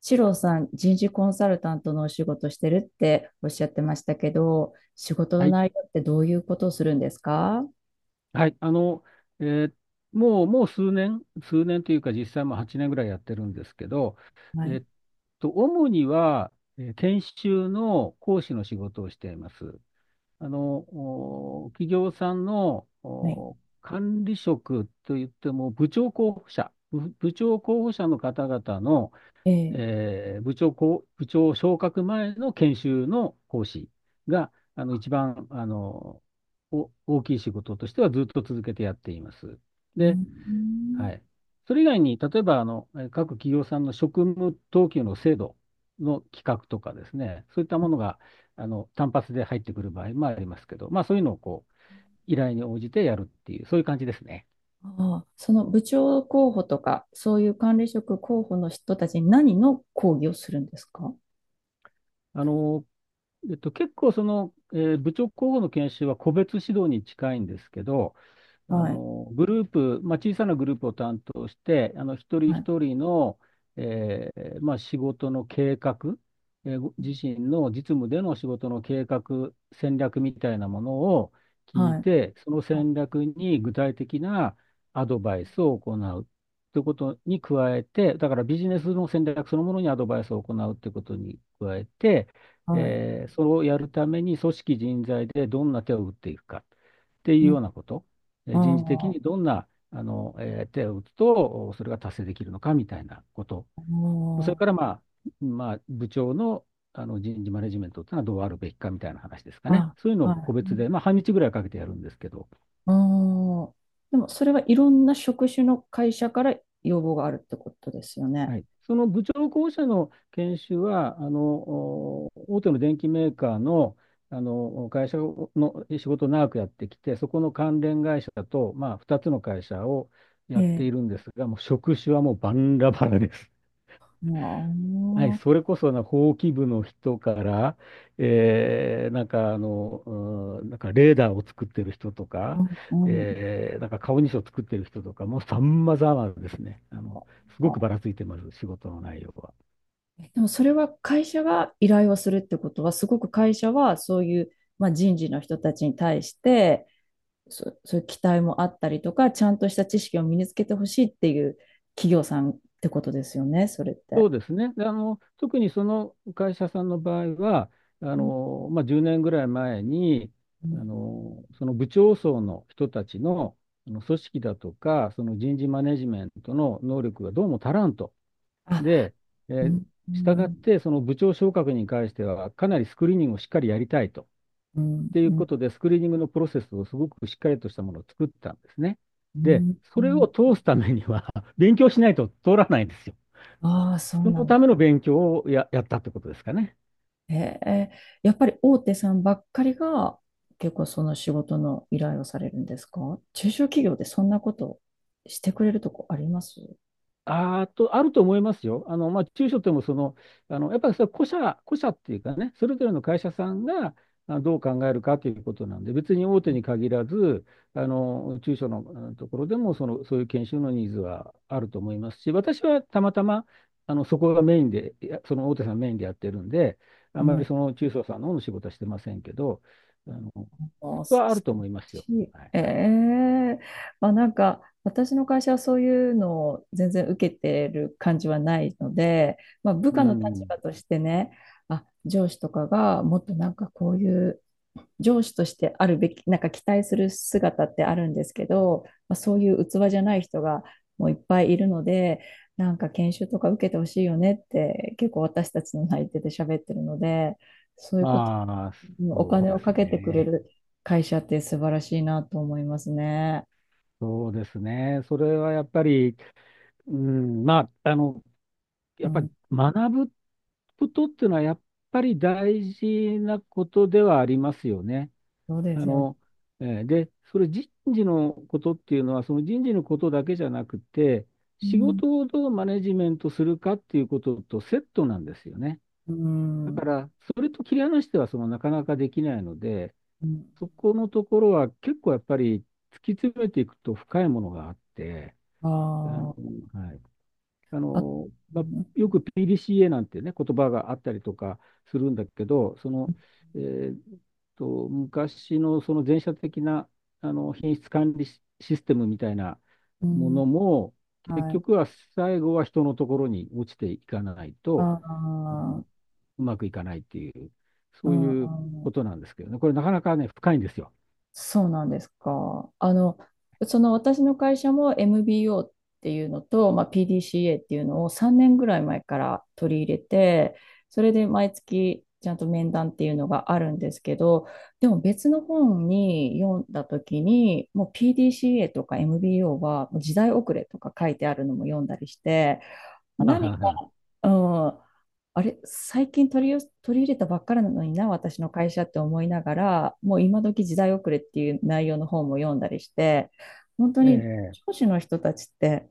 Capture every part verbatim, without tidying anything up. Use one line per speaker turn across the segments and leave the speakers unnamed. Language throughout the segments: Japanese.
シローさん、人事コンサルタントのお仕事してるっておっしゃってましたけど、仕事
は
の
い。
内容ってどういうことをするんですか？
はい。あの、えーもう、もう数年、数年というか、実際もうはちねんぐらいやってるんですけど、
は
え
い。
っと、主には、えー研修の講師の仕事をしています。あの、お企業さんの
はい。
お管理職といっても、部長候補者、部部長候補者の方々の、
ええ。
えー部長こう、部長昇格前の研修の講師が、あの、一番、あの、お大きい仕事としてはずっと続けてやっています。
う
で、
ん。
はい。それ以外に、例えば、あの、えー各企業さんの職務等級の制度の企画とかですね、そういった
あ
ものが、あの、単発で入ってくる場合もありますけど、まあ、そういうのをこう、依頼に応じてやるっていう、そういう感じですね。
あ。その部長候補とか、そういう管理職候補の人たちに何の講義をするんですか？
あの、えっと、結構その、えー部長候補の研修は個別指導に近いんですけど、あ
はい。
の、グループ、まあ、小さなグループを担当して、あの、一人
はい。
一人の、えーまあ、仕事の計画、えーご自身の実務での仕事の計画、戦略みたいなものを聞い
はい。
て、その
あ、
戦略に具体的なアドバイスを行うということに加えて、だからビジネスの戦略そのものにアドバイスを行うということに加えて、
はい。
えーそれをやるために組織人材でどんな手を打っていくかっていう
う
ようなこと。人事的
ん。あ
にど
あ。
んなあの、えー手を打つと、それが達成できるのかみたいなこと。
あ
それから、まあ、まあ、部長の、あの人事マネジメントっていうのはどうあるべきかみたいな話ですかね。
あ。
そういうのを
は
個
い。
別
う
で、まあ、半日ぐらいかけてやるんですけど、
ん。ああ。でも、それはいろんな職種の会社から要望があるってことですよね。
はい、その部長候補者の研修は、あの、大手の電機メーカーの、あの会社の仕事を長くやってきて、そこの関連会社と、まあ、ふたつの会社をや
え
って
え。
いるんですが、もう職種はもうバンラバラです。はい、
も
それこそな、法規部の人から、えー、なんかあの、うん、なんかレーダーを作ってる人と
う。
か、
あー、うん。うん。
えー、なんか顔認証を作ってる人とか、もうさまざまですね。あの、すごく
あ。
ばらついてます、仕事の内容は。
えでもそれは会社が依頼をするってことは、すごく会社はそういう、まあ、人事の人たちに対して、そ、そういう期待もあったりとか、ちゃんとした知識を身につけてほしいっていう企業さんってことですよね、それっ
そ
て。
うですね。であの、特にその会社さんの場合は、あ
うん。
の、まあ、じゅうねんぐらい前に、
う
あ
ん。
の、その部長層の人たちの、あの組織だとか、その人事マネジメントの能力がどうも足らんと。
あ、
で、え
う
ー、
ん。う
したがっ
ん。
て、その部長昇格に関しては、かなりスクリーニングをしっかりやりたいと。っ
うん。
ていうこ
う
とで、スクリーニングのプロセスをすごくしっかりとしたものを作ったんですね。で、
ん。う
それ
ん。
を通すためには 勉強しないと通らないんですよ。
ああ、そう
そ
な
の
んだ。
ための勉強をや、やったってことですかね。
へえ。やっぱり大手さんばっかりが結構その仕事の依頼をされるんですか？中小企業でそんなことしてくれるとこあります？
あーと、あると思いますよ。あの、まあ、中小ともその、あの、やっぱりそれは個社、個社っていうかね、それぞれの会社さんがあどう考えるかということなんで、別に大手に限らず、あの、中小のあのところでも、その、そういう研修のニーズはあると思いますし、私はたまたま、あの、そこがメインで、いやその大手さんメインでやってるんで、あ
う
まり
ん。
その中小さんの方の仕事はしてませんけど、あの、
あ、す
はある
素
と思いますよ。
晴らしい
はい。
ええ。まあなんか私の会社はそういうのを全然受けてる感じはないので、まあ、部
う
下の立
ん。
場としてね、あ、上司とかがもっとなんかこういう上司としてあるべき、なんか期待する姿ってあるんですけど、まあ、そういう器じゃない人がもういっぱいいるので、なんか研修とか受けてほしいよねって結構私たちの内定で喋ってるので、そういうこと、
ああ、
お
そう
金
で
を
す
かけてくれ
ね。
る会社って素晴らしいなと思いますね。
そうですね。それはやっぱり、うん、まあ、あの、
う
やっぱり
ん。
学ぶことっていうのは、やっぱり大事なことではありますよね。
そうで
あ
すよね。
の、えーで、それ人事のことっていうのは、その人事のことだけじゃなくて、
う
仕
ん。
事をどうマネジメントするかっていうこととセットなんですよね。
う
だから、それと切り離しては、そのなかなかできないので、
ん。
そこのところは結構やっぱり突き詰めていくと深いものがあって、
あ
あの、
ー。
はい。あ
あ、
の、
う
まあ、
ん。
よく ピーディーシーエー なんてね、言葉があったりとかするんだけど、その、えーっと、昔のその前者的な、あの、品質管理シシステムみたいな
う
も
ん。
のも、結
はい。
局は最後は人のところに落ちていかない
あ
と、あ
ー。
の、うまくいかないっていう、
う
そう
ん。う
いう
ん。
ことなんですけどね。これなかなかね、深いんですよ。
そうなんですか。あの、その私の会社も エムビーオー っていうのと、まあ、ピーディーシーエー っていうのをさんねんぐらい前から取り入れて、それで毎月ちゃんと面談っていうのがあるんですけど、でも別の本に読んだ時に、もう ピーディーシーエー とか エムビーオー はもう時代遅れとか書いてあるのも読んだりして、
はあ
何
は
か、
あはあ。
うん、あれ、最近取りよ、取り入れたばっかりなのにな、私の会社って思いながら、もう今時時代遅れっていう内容の本も読んだりして、本当に
え
上
え
司の人たちって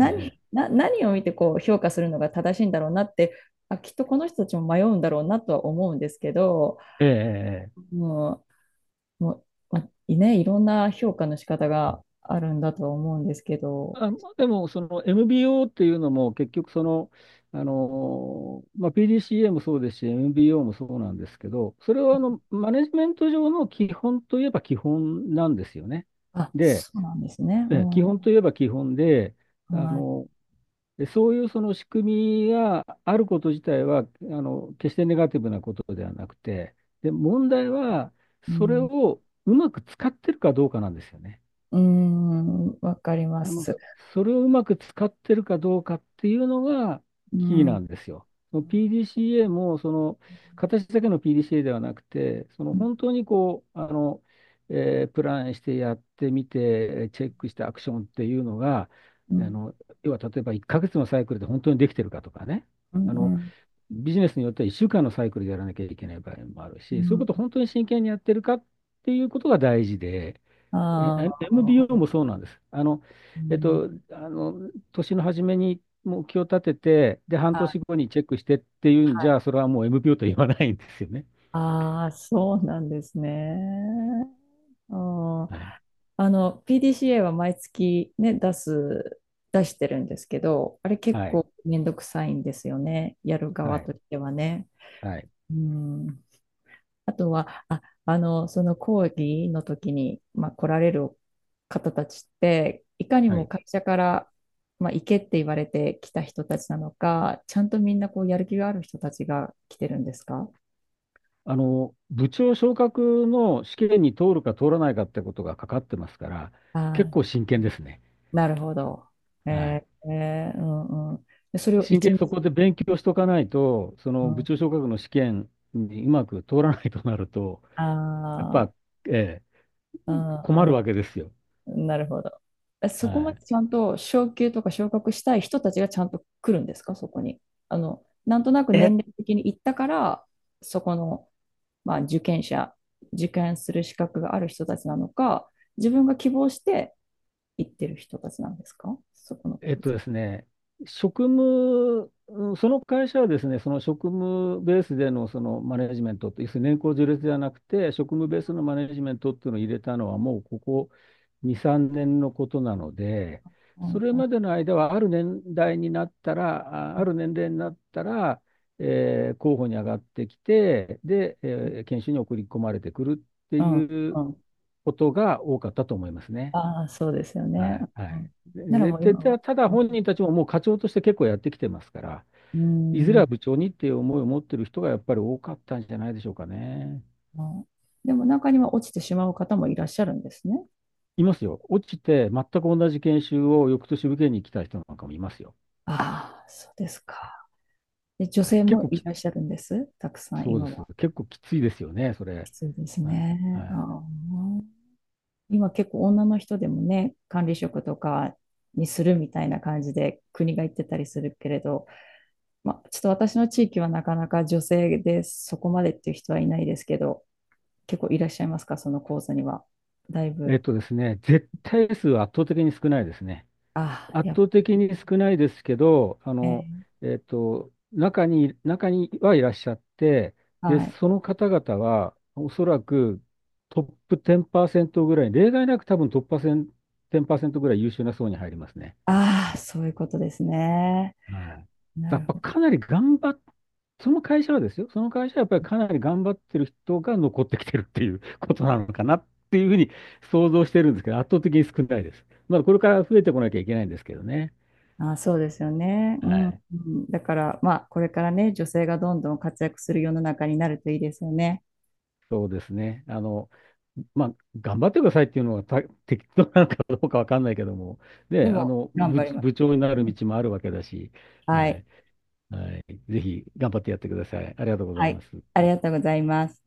ええ
な、何を見てこう評価するのが正しいんだろうなって、あ、きっとこの人たちも迷うんだろうなとは思うんですけど、
ええええ。
もう、もう、まあね、いろんな評価の仕方があるんだとは思うんですけど、
あ、でも、その エムビーオー っていうのも結局その、あのまあ、ピーディーシーエー もそうですし、エムビーオー もそうなんですけど、それはあのマネジメント上の基本といえば基本なんですよね。
あ、
で、
そうなんですね。
え
う
基
ん。
本といえば基本で、あ
はい。
のでそういうその仕組みがあること自体はあの決してネガティブなことではなくて、で問題は
う
それ
ん。
をうまく使ってるかどうかなんですよね。
うーん、わかりま
あの、
す。
それをうまく使ってるかどうかっていうのが
う
キー
ん。う
な
ん。
んですよ。その ピーディーシーエー も、その、形だけの ピーディーシーエー ではなくて、その本当にこう、あの、えープランしてやってみて、チェックしてアクションっていうのが、
う
あ
ん。
の、要は例えばいっかげつのサイクルで本当にできてるかとかね。
う
あの、
ん。
ビジネスによってはいっしゅうかんのサイクルでやらなきゃいけない場合もある
う
し、そういうこ
ん。
とを本当に真剣にやってるかっていうことが大事で、え、
あ
エムビーオー
あ、
もそうなんです。あの、
う
えっ
ん。
と、あの、年の初めに目標を立てて、で、半
はい。
年後にチェックしてっていう
は
んじ
い。
ゃ、それはもう エムビーオー と言わないんですよね。
ああ、そうなんですね。あー。
はい。
あの、ピーディーシーエー は毎月ね、出す、出してるんですけど、あれ結
はい。
構めんどくさいんですよね。やる
は
側
い。
としてはね。
はい。
うん。あとは、あ、あの、その講義の時に、まあ、来られる方たちって、いかに
は
も
い。
会社から、まあ、行けって言われてきた人たちなのか、ちゃんとみんなこうやる気がある人たちが来てるんですか？
あの、部長昇格の試験に通るか通らないかってことがかかってますから、
あ
結
あ、
構真剣ですね。
なるほど。
は
え
い。
ーえーうん。うん。でそれを
真
一
剣に
日、
そこで勉強しとかないと、そ
う
の部
ん、
長昇格の試験にうまく通らないとなると、やっ
あ
ぱ、ええ、
あ、う
困るわけですよ。
ん、なるほど。え
は
そこまで
い
ちゃんと昇級とか昇格したい人たちがちゃんと来るんですか、そこに。あの、なんとなく年
え、
齢的に行ったから、そこの、まあ、受験者、受験する資格がある人たちなのか、自分が希望して行ってる人たちなんですか、そこの
え
講
っと
座。
ですね、職務、うんその会社はですね、その職務ベースでのそのマネジメントって、要するに年功序列ではなくて、職務ベースのマネジメントっていうのを入れたのは、もうここに、さんねんのことなので、
う
そ
ん。
れ
うん。
までの間は、ある年代になったら、あある年齢になったら、えー候補に上がってきて、で、えー研修に送り込まれてくるって
うん。
い
う
う
ん。
ことが多かったと思いますね。
ああ、そうですよ
は
ね。
い、
う
はい。
ん。なら
で、
もう
で
今は。
でただ
う
本人たちももう課長として結構やってきてますから、いず
ん。
れ
う
は部長にっていう思いを持ってる人がやっぱり多かったんじゃないでしょうかね。
ん。でも中には落ちてしまう方もいらっしゃるんですね。
いますよ。落ちて全く同じ研修を翌年受けに来た人なんかもいますよ。
ああ、そうですか。で、女
はい、
性
結
も
構
い
き、
らっしゃるんです。たくさん
そうで
今
す。
は。
結構きついですよね、そ
き
れ。
ついです
はい、は
ね。あ
い。
あ、今結構女の人でもね、管理職とかにするみたいな感じで国が言ってたりするけれど、まあ、ちょっと私の地域はなかなか女性でそこまでっていう人はいないですけど、結構いらっしゃいますか、その講座には。だい
え
ぶ。
っとですね、絶対数は圧倒的に少ないですね。
ああ、
圧
やっぱ
倒的に少ないですけど、あの、
ね。
えっと、中に、中にはいらっしゃって、で、
はい。
その方々は、おそらくトップじっパーセントぐらい、例外なく多分トップじっパーセント、ぐらい優秀な層に入りますね。
ああ、そういうことですね。
はい。
な
やっ
る
ぱ
ほど。
かなり頑張っ、その会社はですよ、その会社はやっぱりかなり頑張ってる人が残ってきてるっていう ことなのかなっていうふうに想像してるんですけど、圧倒的に少ないです。まだこれから増えてこなきゃいけないんですけどね。
あ、そうですよね。う
は
ん。う
い。
ん。だから、まあ、これからね、女性がどんどん活躍する世の中になるといいですよね。
そうですね。あの、まあ、頑張ってくださいっていうのはた適当なのかどうかわかんないけども、ね、
で
あ
も、
の、
頑
部、
張ります。
部長にな
う
る
ん。
道もあるわけだし、は
はい。
い、はい、ぜひ頑張ってやってください。ありがとうござ
は
いま
い。
す。
ありがとうございます。